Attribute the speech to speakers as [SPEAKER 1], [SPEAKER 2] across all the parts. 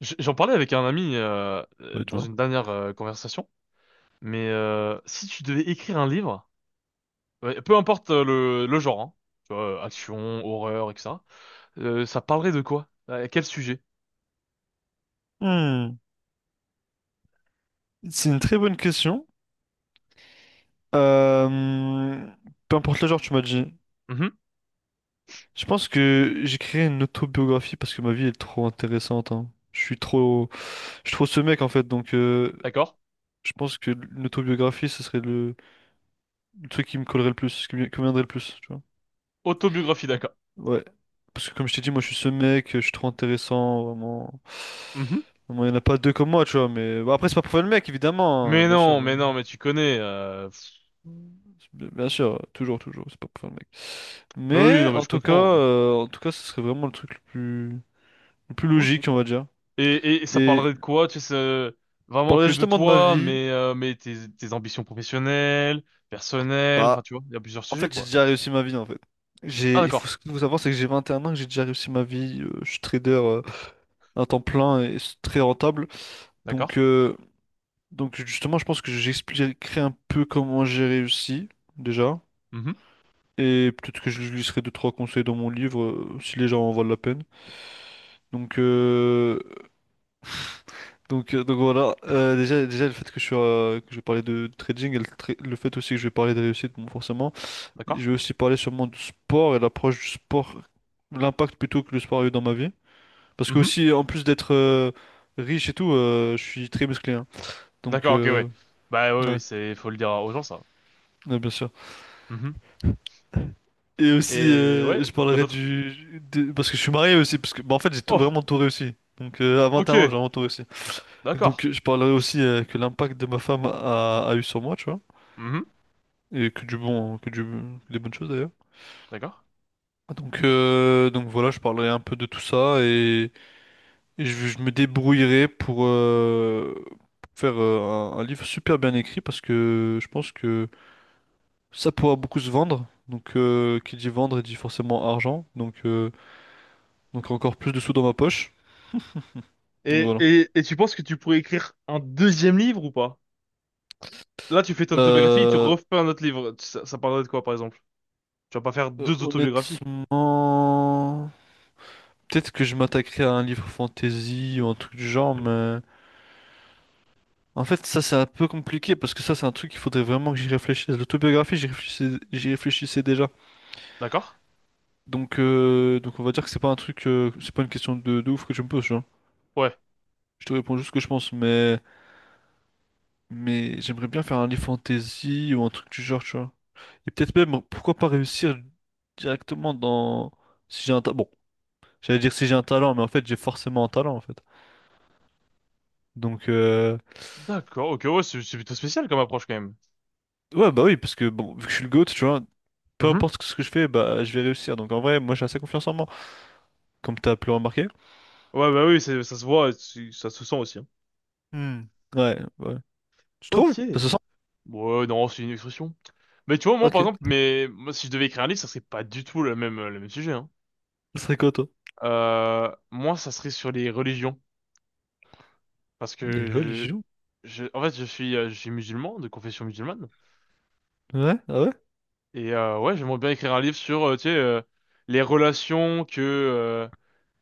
[SPEAKER 1] J'en parlais avec un ami dans
[SPEAKER 2] Honnêtement?
[SPEAKER 1] une dernière conversation, mais si tu devais écrire un livre, ouais, peu importe le genre, hein, tu vois, action, horreur, etc., ça parlerait de quoi? À quel sujet?
[SPEAKER 2] Hmm, c'est une très bonne question. Euh, Peu importe le genre, tu m'as dit.
[SPEAKER 1] Mhm,
[SPEAKER 2] Je pense que j'écrirai une autobiographie parce que ma vie est trop intéressante, hein. Je suis trop ce mec en fait. Donc,
[SPEAKER 1] d'accord.
[SPEAKER 2] je pense que une autobiographie, ce serait le truc qui me collerait le plus, ce qui me conviendrait le plus. Tu vois?
[SPEAKER 1] Autobiographie, d'accord.
[SPEAKER 2] Ouais. Parce que comme je t'ai dit, moi, je suis ce mec. Je suis trop intéressant, vraiment.
[SPEAKER 1] Mhm.
[SPEAKER 2] Vraiment, il n'y en a pas deux comme moi, tu vois. Mais bon, après, c'est pas pour faire le mec, évidemment, hein,
[SPEAKER 1] Mais
[SPEAKER 2] bien sûr,
[SPEAKER 1] non,
[SPEAKER 2] hein.
[SPEAKER 1] mais non, mais tu connais.
[SPEAKER 2] Bien sûr, toujours, toujours, c'est pas pour faire le mec.
[SPEAKER 1] Bah oui,
[SPEAKER 2] Mais
[SPEAKER 1] non, mais je comprends.
[SPEAKER 2] en tout cas, ce serait vraiment le truc le plus
[SPEAKER 1] Ok.
[SPEAKER 2] logique, on va dire.
[SPEAKER 1] Et ça
[SPEAKER 2] Et
[SPEAKER 1] parlerait de quoi? Tu sais, c'est
[SPEAKER 2] je
[SPEAKER 1] vraiment
[SPEAKER 2] parlerais
[SPEAKER 1] que de
[SPEAKER 2] justement de ma
[SPEAKER 1] toi,
[SPEAKER 2] vie.
[SPEAKER 1] mais tes ambitions professionnelles, personnelles,
[SPEAKER 2] Bah,
[SPEAKER 1] enfin, tu vois, il y a plusieurs
[SPEAKER 2] en
[SPEAKER 1] sujets,
[SPEAKER 2] fait, j'ai
[SPEAKER 1] quoi.
[SPEAKER 2] déjà réussi ma vie, en fait.
[SPEAKER 1] Ah,
[SPEAKER 2] J'ai, il faut,
[SPEAKER 1] d'accord,
[SPEAKER 2] ce qu'il faut savoir, c'est que j'ai 21 ans, que j'ai déjà réussi ma vie. Je suis trader à temps plein et c'est très rentable. Donc,
[SPEAKER 1] d'accord.
[SPEAKER 2] euh, donc justement, je pense que j'expliquerai un peu comment j'ai réussi, déjà. Et peut-être que je lui laisserai deux, trois conseils dans mon livre, si les gens en valent la peine. Donc, euh, donc voilà. Déjà, déjà le fait que je suis, que je vais parler de trading et le fait aussi que je vais parler de réussite, bon, forcément.
[SPEAKER 1] D'accord?
[SPEAKER 2] Je vais aussi parler sûrement du sport et l'approche du sport, l'impact plutôt que le sport a eu dans ma vie. Parce que
[SPEAKER 1] Mhm.
[SPEAKER 2] aussi, en plus d'être riche et tout, je suis très musclé, hein. Donc,
[SPEAKER 1] D'accord, ok, ouais. Bah oui,
[SPEAKER 2] ouais,
[SPEAKER 1] oui, c'est faut le dire aux gens ça.
[SPEAKER 2] ouais, bien sûr.
[SPEAKER 1] Mhm.
[SPEAKER 2] Et aussi,
[SPEAKER 1] Et ouais,
[SPEAKER 2] je
[SPEAKER 1] quoi
[SPEAKER 2] parlerai
[SPEAKER 1] d'autre?
[SPEAKER 2] parce que je suis marié aussi, parce que bah, en fait,
[SPEAKER 1] Oh,
[SPEAKER 2] vraiment tout réussi. Donc, à
[SPEAKER 1] ok,
[SPEAKER 2] 21 ans, j'ai vraiment tout réussi.
[SPEAKER 1] d'accord.
[SPEAKER 2] Donc, je parlerai aussi que l'impact de ma femme a eu sur moi, tu vois.
[SPEAKER 1] Mhm.
[SPEAKER 2] Et que du bon, que des bonnes choses d'ailleurs.
[SPEAKER 1] D'accord.
[SPEAKER 2] Ah, donc, donc voilà, je parlerai un peu de tout ça et, je me débrouillerai pour faire un livre super bien écrit parce que je pense que ça pourra beaucoup se vendre. Donc, qui dit vendre dit forcément argent. Donc encore plus de sous dans ma poche. Donc
[SPEAKER 1] Et,
[SPEAKER 2] voilà.
[SPEAKER 1] et, et tu penses que tu pourrais écrire un deuxième livre ou pas? Là, tu fais ton autobiographie et tu
[SPEAKER 2] Euh,
[SPEAKER 1] refais un autre livre. Ça parlerait de quoi, par exemple? Tu vas pas faire deux autobiographies.
[SPEAKER 2] Honnêtement, peut-être que je m'attaquerai à un livre fantasy ou un truc du genre, mais. En fait, ça, c'est un peu compliqué parce que ça, c'est un truc qu'il faudrait vraiment que j'y réfléchisse. L'autobiographie, j'y réfléchissais déjà.
[SPEAKER 1] D'accord?
[SPEAKER 2] Donc, on va dire que c'est pas un truc, c'est pas une question de ouf que je me pose, tu vois.
[SPEAKER 1] Ouais.
[SPEAKER 2] Je te réponds juste ce que je pense, mais j'aimerais bien faire un livre fantasy ou un truc du genre, tu vois. Et peut-être même, pourquoi pas réussir directement dans. Si j'ai un talent. Bon, j'allais dire si j'ai un talent, mais en fait, j'ai forcément un talent, en fait. Donc,
[SPEAKER 1] D'accord, ok, ouais, c'est plutôt spécial comme approche quand même.
[SPEAKER 2] ouais, bah oui, parce que, bon, vu que je suis le GOAT, tu vois, peu
[SPEAKER 1] Mhm.
[SPEAKER 2] importe ce que je fais, bah, je vais réussir. Donc, en vrai, moi, j'ai assez confiance en moi. Comme t'as pu le remarquer?
[SPEAKER 1] Ouais, bah oui, ça se voit, et ça se sent aussi, hein.
[SPEAKER 2] Hmm. Ouais, ouais. Tu trouves?
[SPEAKER 1] Ok.
[SPEAKER 2] Ça se sent?
[SPEAKER 1] Ouais, non, c'est une expression. Mais tu vois, moi,
[SPEAKER 2] Ok.
[SPEAKER 1] par exemple, mais moi, si je devais écrire un livre, ça serait pas du tout le même sujet, hein.
[SPEAKER 2] Ce serait quoi, toi?
[SPEAKER 1] Moi, ça serait sur les religions. Parce
[SPEAKER 2] Les
[SPEAKER 1] que
[SPEAKER 2] religions?
[SPEAKER 1] en fait, je suis musulman, de confession musulmane.
[SPEAKER 2] Ouais, ah ouais?
[SPEAKER 1] Et ouais, j'aimerais bien écrire un livre sur, tu sais, les relations que, euh,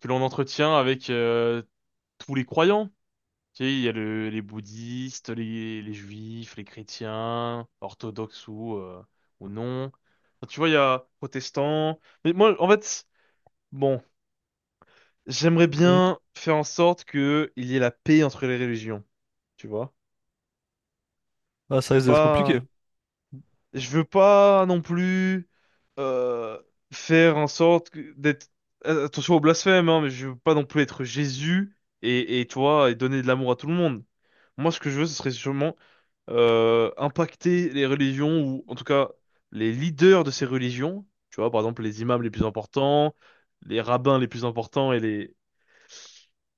[SPEAKER 1] que l'on entretient avec tous les croyants. Tu sais, il y a les bouddhistes, les juifs, les chrétiens, orthodoxes ou non. Enfin, tu vois, il y a protestants. Mais moi, en fait, bon, j'aimerais
[SPEAKER 2] Oui.
[SPEAKER 1] bien faire en sorte que il y ait la paix entre les religions, tu vois.
[SPEAKER 2] Ah, ça
[SPEAKER 1] C'est
[SPEAKER 2] risque d'être compliqué.
[SPEAKER 1] pas... Je veux pas non plus euh, faire en sorte d'être... attention au blasphème, hein, mais je veux pas non plus être Jésus et toi, et donner de l'amour à tout le monde. Moi, ce que je veux, ce serait sûrement impacter les religions ou en tout cas les leaders de ces religions, tu vois, par exemple les imams les plus importants, les rabbins les plus importants et les,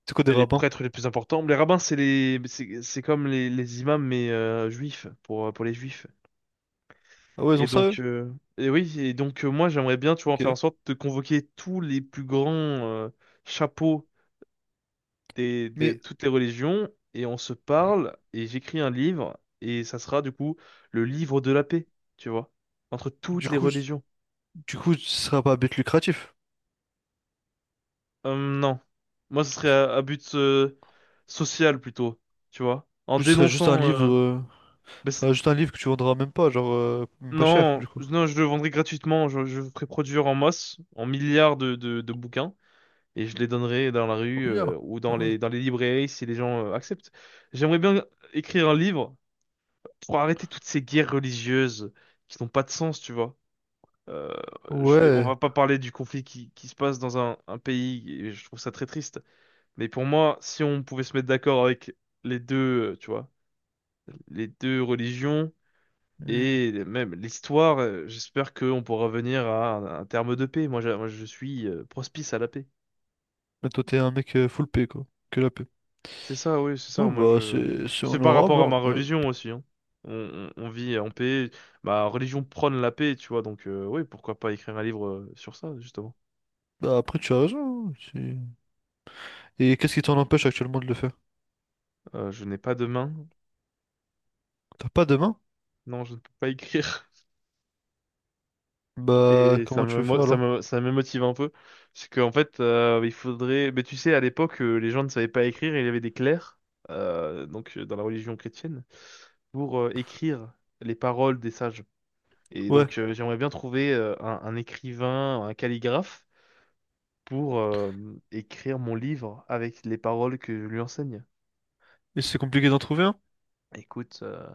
[SPEAKER 2] C'est quoi des
[SPEAKER 1] et les
[SPEAKER 2] rabbins?
[SPEAKER 1] prêtres les plus importants. Les rabbins, c'est comme les imams mais juifs pour les juifs.
[SPEAKER 2] Ah ouais, ils
[SPEAKER 1] Et
[SPEAKER 2] ont ça,
[SPEAKER 1] donc,
[SPEAKER 2] eux?
[SPEAKER 1] moi j'aimerais bien, tu vois, faire
[SPEAKER 2] Ok.
[SPEAKER 1] en sorte de convoquer tous les plus grands chapeaux
[SPEAKER 2] Mais,
[SPEAKER 1] toutes les religions et on se parle et j'écris un livre et ça sera du coup le livre de la paix, tu vois, entre toutes
[SPEAKER 2] du
[SPEAKER 1] les
[SPEAKER 2] coup,
[SPEAKER 1] religions.
[SPEAKER 2] du coup, ce sera pas à but lucratif.
[SPEAKER 1] Non, moi ce serait à but social plutôt, tu vois, en
[SPEAKER 2] Du coup, ce serait juste un
[SPEAKER 1] dénonçant.
[SPEAKER 2] livre...
[SPEAKER 1] Bah,
[SPEAKER 2] Ce
[SPEAKER 1] c'est-
[SPEAKER 2] sera juste un livre que tu vendras même pas, genre, même pas cher, du
[SPEAKER 1] non,
[SPEAKER 2] coup.
[SPEAKER 1] non, je le vendrais gratuitement, je le ferais produire en masse, en milliards de bouquins. Et je les donnerais dans la
[SPEAKER 2] Au
[SPEAKER 1] rue
[SPEAKER 2] milliard.
[SPEAKER 1] ou dans
[SPEAKER 2] Ah ouais.
[SPEAKER 1] dans les librairies si les gens acceptent. J'aimerais bien écrire un livre pour arrêter toutes ces guerres religieuses qui n'ont pas de sens, tu vois. Euh, on
[SPEAKER 2] Ouais.
[SPEAKER 1] va pas parler du conflit qui se passe dans un pays, et je trouve ça très triste. Mais pour moi, si on pouvait se mettre d'accord avec les deux, tu vois, les deux religions
[SPEAKER 2] Hmm.
[SPEAKER 1] et même l'histoire, j'espère qu'on pourra venir à un terme de paix. Moi, je suis prospice à la paix.
[SPEAKER 2] Mais toi, t'es un mec full paix, quoi. Que la paix.
[SPEAKER 1] C'est ça, oui, c'est ça.
[SPEAKER 2] Non,
[SPEAKER 1] Moi,
[SPEAKER 2] bah,
[SPEAKER 1] je.
[SPEAKER 2] c'est
[SPEAKER 1] C'est par rapport
[SPEAKER 2] honorable, hein,
[SPEAKER 1] à ma
[SPEAKER 2] après.
[SPEAKER 1] religion aussi, hein. On vit en paix. Ma religion prône la paix, tu vois. Donc, oui, pourquoi pas écrire un livre sur ça, justement.
[SPEAKER 2] Bah, après, tu as raison, hein, c'est- et qu'est-ce qui t'en empêche actuellement de le faire?
[SPEAKER 1] Je n'ai pas de main.
[SPEAKER 2] T'as pas de main?
[SPEAKER 1] Non, je ne peux pas écrire.
[SPEAKER 2] Bah,
[SPEAKER 1] Et ça
[SPEAKER 2] comment tu
[SPEAKER 1] me,
[SPEAKER 2] veux faire
[SPEAKER 1] mo-
[SPEAKER 2] alors?
[SPEAKER 1] ça me motive un peu. C'est qu'en fait, il faudrait. Mais tu sais, à l'époque, les gens ne savaient pas écrire. Il y avait des clercs, dans la religion chrétienne, pour écrire les paroles des sages. Et
[SPEAKER 2] Ouais.
[SPEAKER 1] donc, j'aimerais bien trouver un écrivain, un calligraphe pour écrire mon livre avec les paroles que je lui enseigne.
[SPEAKER 2] Et c'est compliqué d'en trouver un?
[SPEAKER 1] Écoute,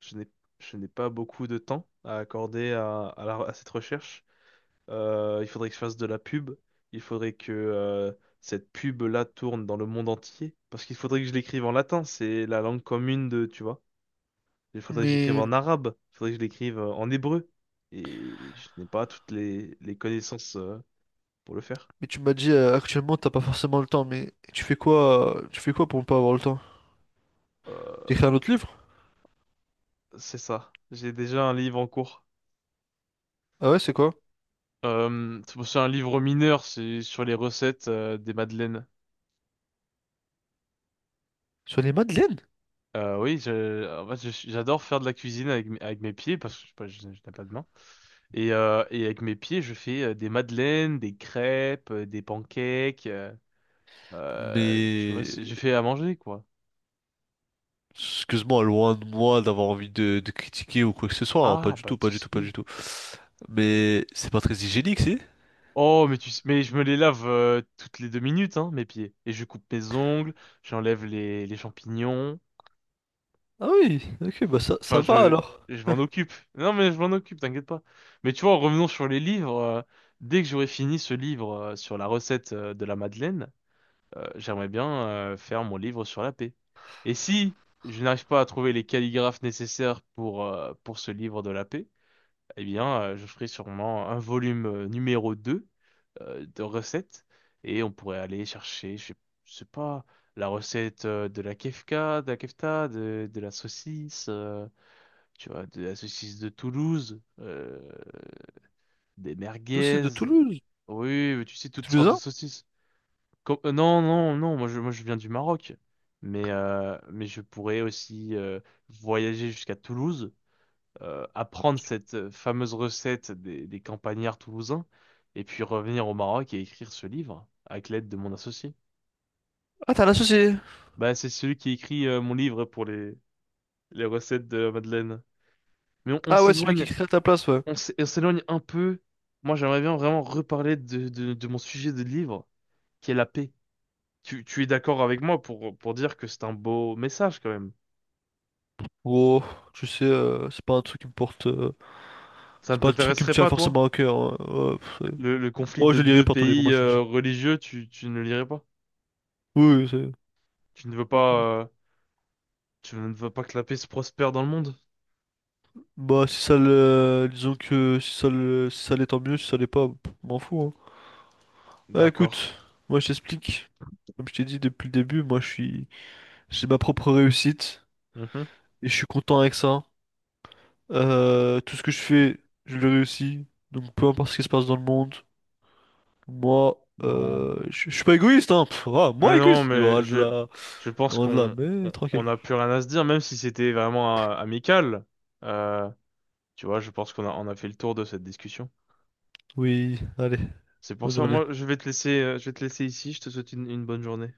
[SPEAKER 1] je n'ai je n'ai pas beaucoup de temps à accorder à à cette recherche. Il faudrait que je fasse de la pub. Il faudrait que cette pub-là tourne dans le monde entier. Parce qu'il faudrait que je l'écrive en latin, c'est la langue commune de, tu vois. Il faudrait que je l'écrive
[SPEAKER 2] Mais,
[SPEAKER 1] en arabe. Il faudrait que je l'écrive en hébreu. Et je n'ai pas toutes les connaissances pour le faire.
[SPEAKER 2] mais tu m'as dit actuellement t'as pas forcément le temps, mais tu fais quoi pour ne pas avoir le temps?
[SPEAKER 1] Euh,
[SPEAKER 2] T'écris un autre livre?
[SPEAKER 1] c'est ça. J'ai déjà un livre en cours.
[SPEAKER 2] Ah ouais, c'est quoi?
[SPEAKER 1] C'est un livre mineur, c'est sur les recettes des madeleines.
[SPEAKER 2] Sur les madeleines?
[SPEAKER 1] En fait, j'adore faire de la cuisine avec, avec mes pieds parce que je n'ai pas de main. Et avec mes pieds, je fais des madeleines, des crêpes, des pancakes, tu vois,
[SPEAKER 2] Mais
[SPEAKER 1] j'ai fait à manger, quoi.
[SPEAKER 2] excuse-moi, loin de moi d'avoir envie de critiquer ou quoi que ce soit, hein, pas
[SPEAKER 1] Ah,
[SPEAKER 2] du
[SPEAKER 1] pas
[SPEAKER 2] tout,
[SPEAKER 1] de
[SPEAKER 2] pas du tout, pas du
[SPEAKER 1] souci.
[SPEAKER 2] tout. Mais c'est pas très hygiénique, si?
[SPEAKER 1] Oh, mais je me les lave toutes les deux minutes, hein, mes pieds. Et je coupe mes ongles, j'enlève les champignons.
[SPEAKER 2] Ah oui, ok, bah ça, ça
[SPEAKER 1] Enfin,
[SPEAKER 2] va
[SPEAKER 1] je,
[SPEAKER 2] alors.
[SPEAKER 1] je m'en occupe. Non, mais je m'en occupe, t'inquiète pas. Mais tu vois, revenons sur les livres. Dès que j'aurai fini ce livre sur la recette de la Madeleine, j'aimerais bien faire mon livre sur la paix. Et si je n'arrive pas à trouver les calligraphes nécessaires pour ce livre de la paix, eh bien, je ferai sûrement un volume numéro 2 de recettes. Et on pourrait aller chercher, je sais pas, la recette de la kefta, de la saucisse, tu vois, de la saucisse de Toulouse, des
[SPEAKER 2] Associé
[SPEAKER 1] merguez.
[SPEAKER 2] de Toulouse.
[SPEAKER 1] Oui, mais tu sais, toutes sortes de
[SPEAKER 2] Toulousain?
[SPEAKER 1] saucisses. Com- non, non, non, moi je, Moi je viens du Maroc. Mais je pourrais aussi voyager jusqu'à Toulouse, apprendre cette fameuse recette des campagnards toulousains, et puis revenir au Maroc et écrire ce livre avec l'aide de mon associé.
[SPEAKER 2] Ah, t'as un associé.
[SPEAKER 1] Bah, c'est celui qui écrit mon livre pour les recettes de la Madeleine. Mais on
[SPEAKER 2] Ah ouais, c'est lui qui
[SPEAKER 1] s'éloigne,
[SPEAKER 2] crée à ta place, ouais.
[SPEAKER 1] on s'éloigne un peu. Moi, j'aimerais bien vraiment reparler de mon sujet de livre, qui est la paix. Tu es d'accord avec moi pour dire que c'est un beau message quand même.
[SPEAKER 2] Oh, tu sais, c'est pas un truc qui me porte.
[SPEAKER 1] Ça
[SPEAKER 2] C'est
[SPEAKER 1] ne
[SPEAKER 2] pas un truc qui me
[SPEAKER 1] t'intéresserait
[SPEAKER 2] tient
[SPEAKER 1] pas, toi?
[SPEAKER 2] forcément à cœur, hein. Ouais, pff, c'est-
[SPEAKER 1] Le conflit
[SPEAKER 2] moi,
[SPEAKER 1] de
[SPEAKER 2] je le lirai
[SPEAKER 1] deux
[SPEAKER 2] pas ton livre,
[SPEAKER 1] pays
[SPEAKER 2] moi je te le dis.
[SPEAKER 1] religieux, tu ne lirais pas?
[SPEAKER 2] Oui, oui, c'est.
[SPEAKER 1] Tu ne veux pas, tu ne veux pas que la paix se prospère dans le monde?
[SPEAKER 2] Bah, si ça le. Disons que si ça le... si ça l'est, tant mieux, si ça l'est pas, pff, m'en fous, hein. Bah
[SPEAKER 1] D'accord.
[SPEAKER 2] écoute, moi je t'explique. Comme je t'ai dit depuis le début, moi je suis, j'ai ma propre réussite
[SPEAKER 1] Mhm.
[SPEAKER 2] et je suis content avec ça. Tout ce que je fais, je le réussis. Donc peu importe ce qui se passe dans le monde, moi,
[SPEAKER 1] Bon.
[SPEAKER 2] je suis pas égoïste, hein. Pff, ah, moi
[SPEAKER 1] Mais non,
[SPEAKER 2] égoïste,
[SPEAKER 1] mais je, je pense
[SPEAKER 2] loin de là,
[SPEAKER 1] qu'on
[SPEAKER 2] mais tranquille.
[SPEAKER 1] on a plus rien à se dire, même si c'était vraiment amical. Euh, Tu vois, je pense on a fait le tour de cette discussion.
[SPEAKER 2] Oui, allez,
[SPEAKER 1] C'est pour
[SPEAKER 2] bonne
[SPEAKER 1] ça,
[SPEAKER 2] journée.
[SPEAKER 1] moi, je vais te laisser, je vais te laisser ici. Je te souhaite une bonne journée.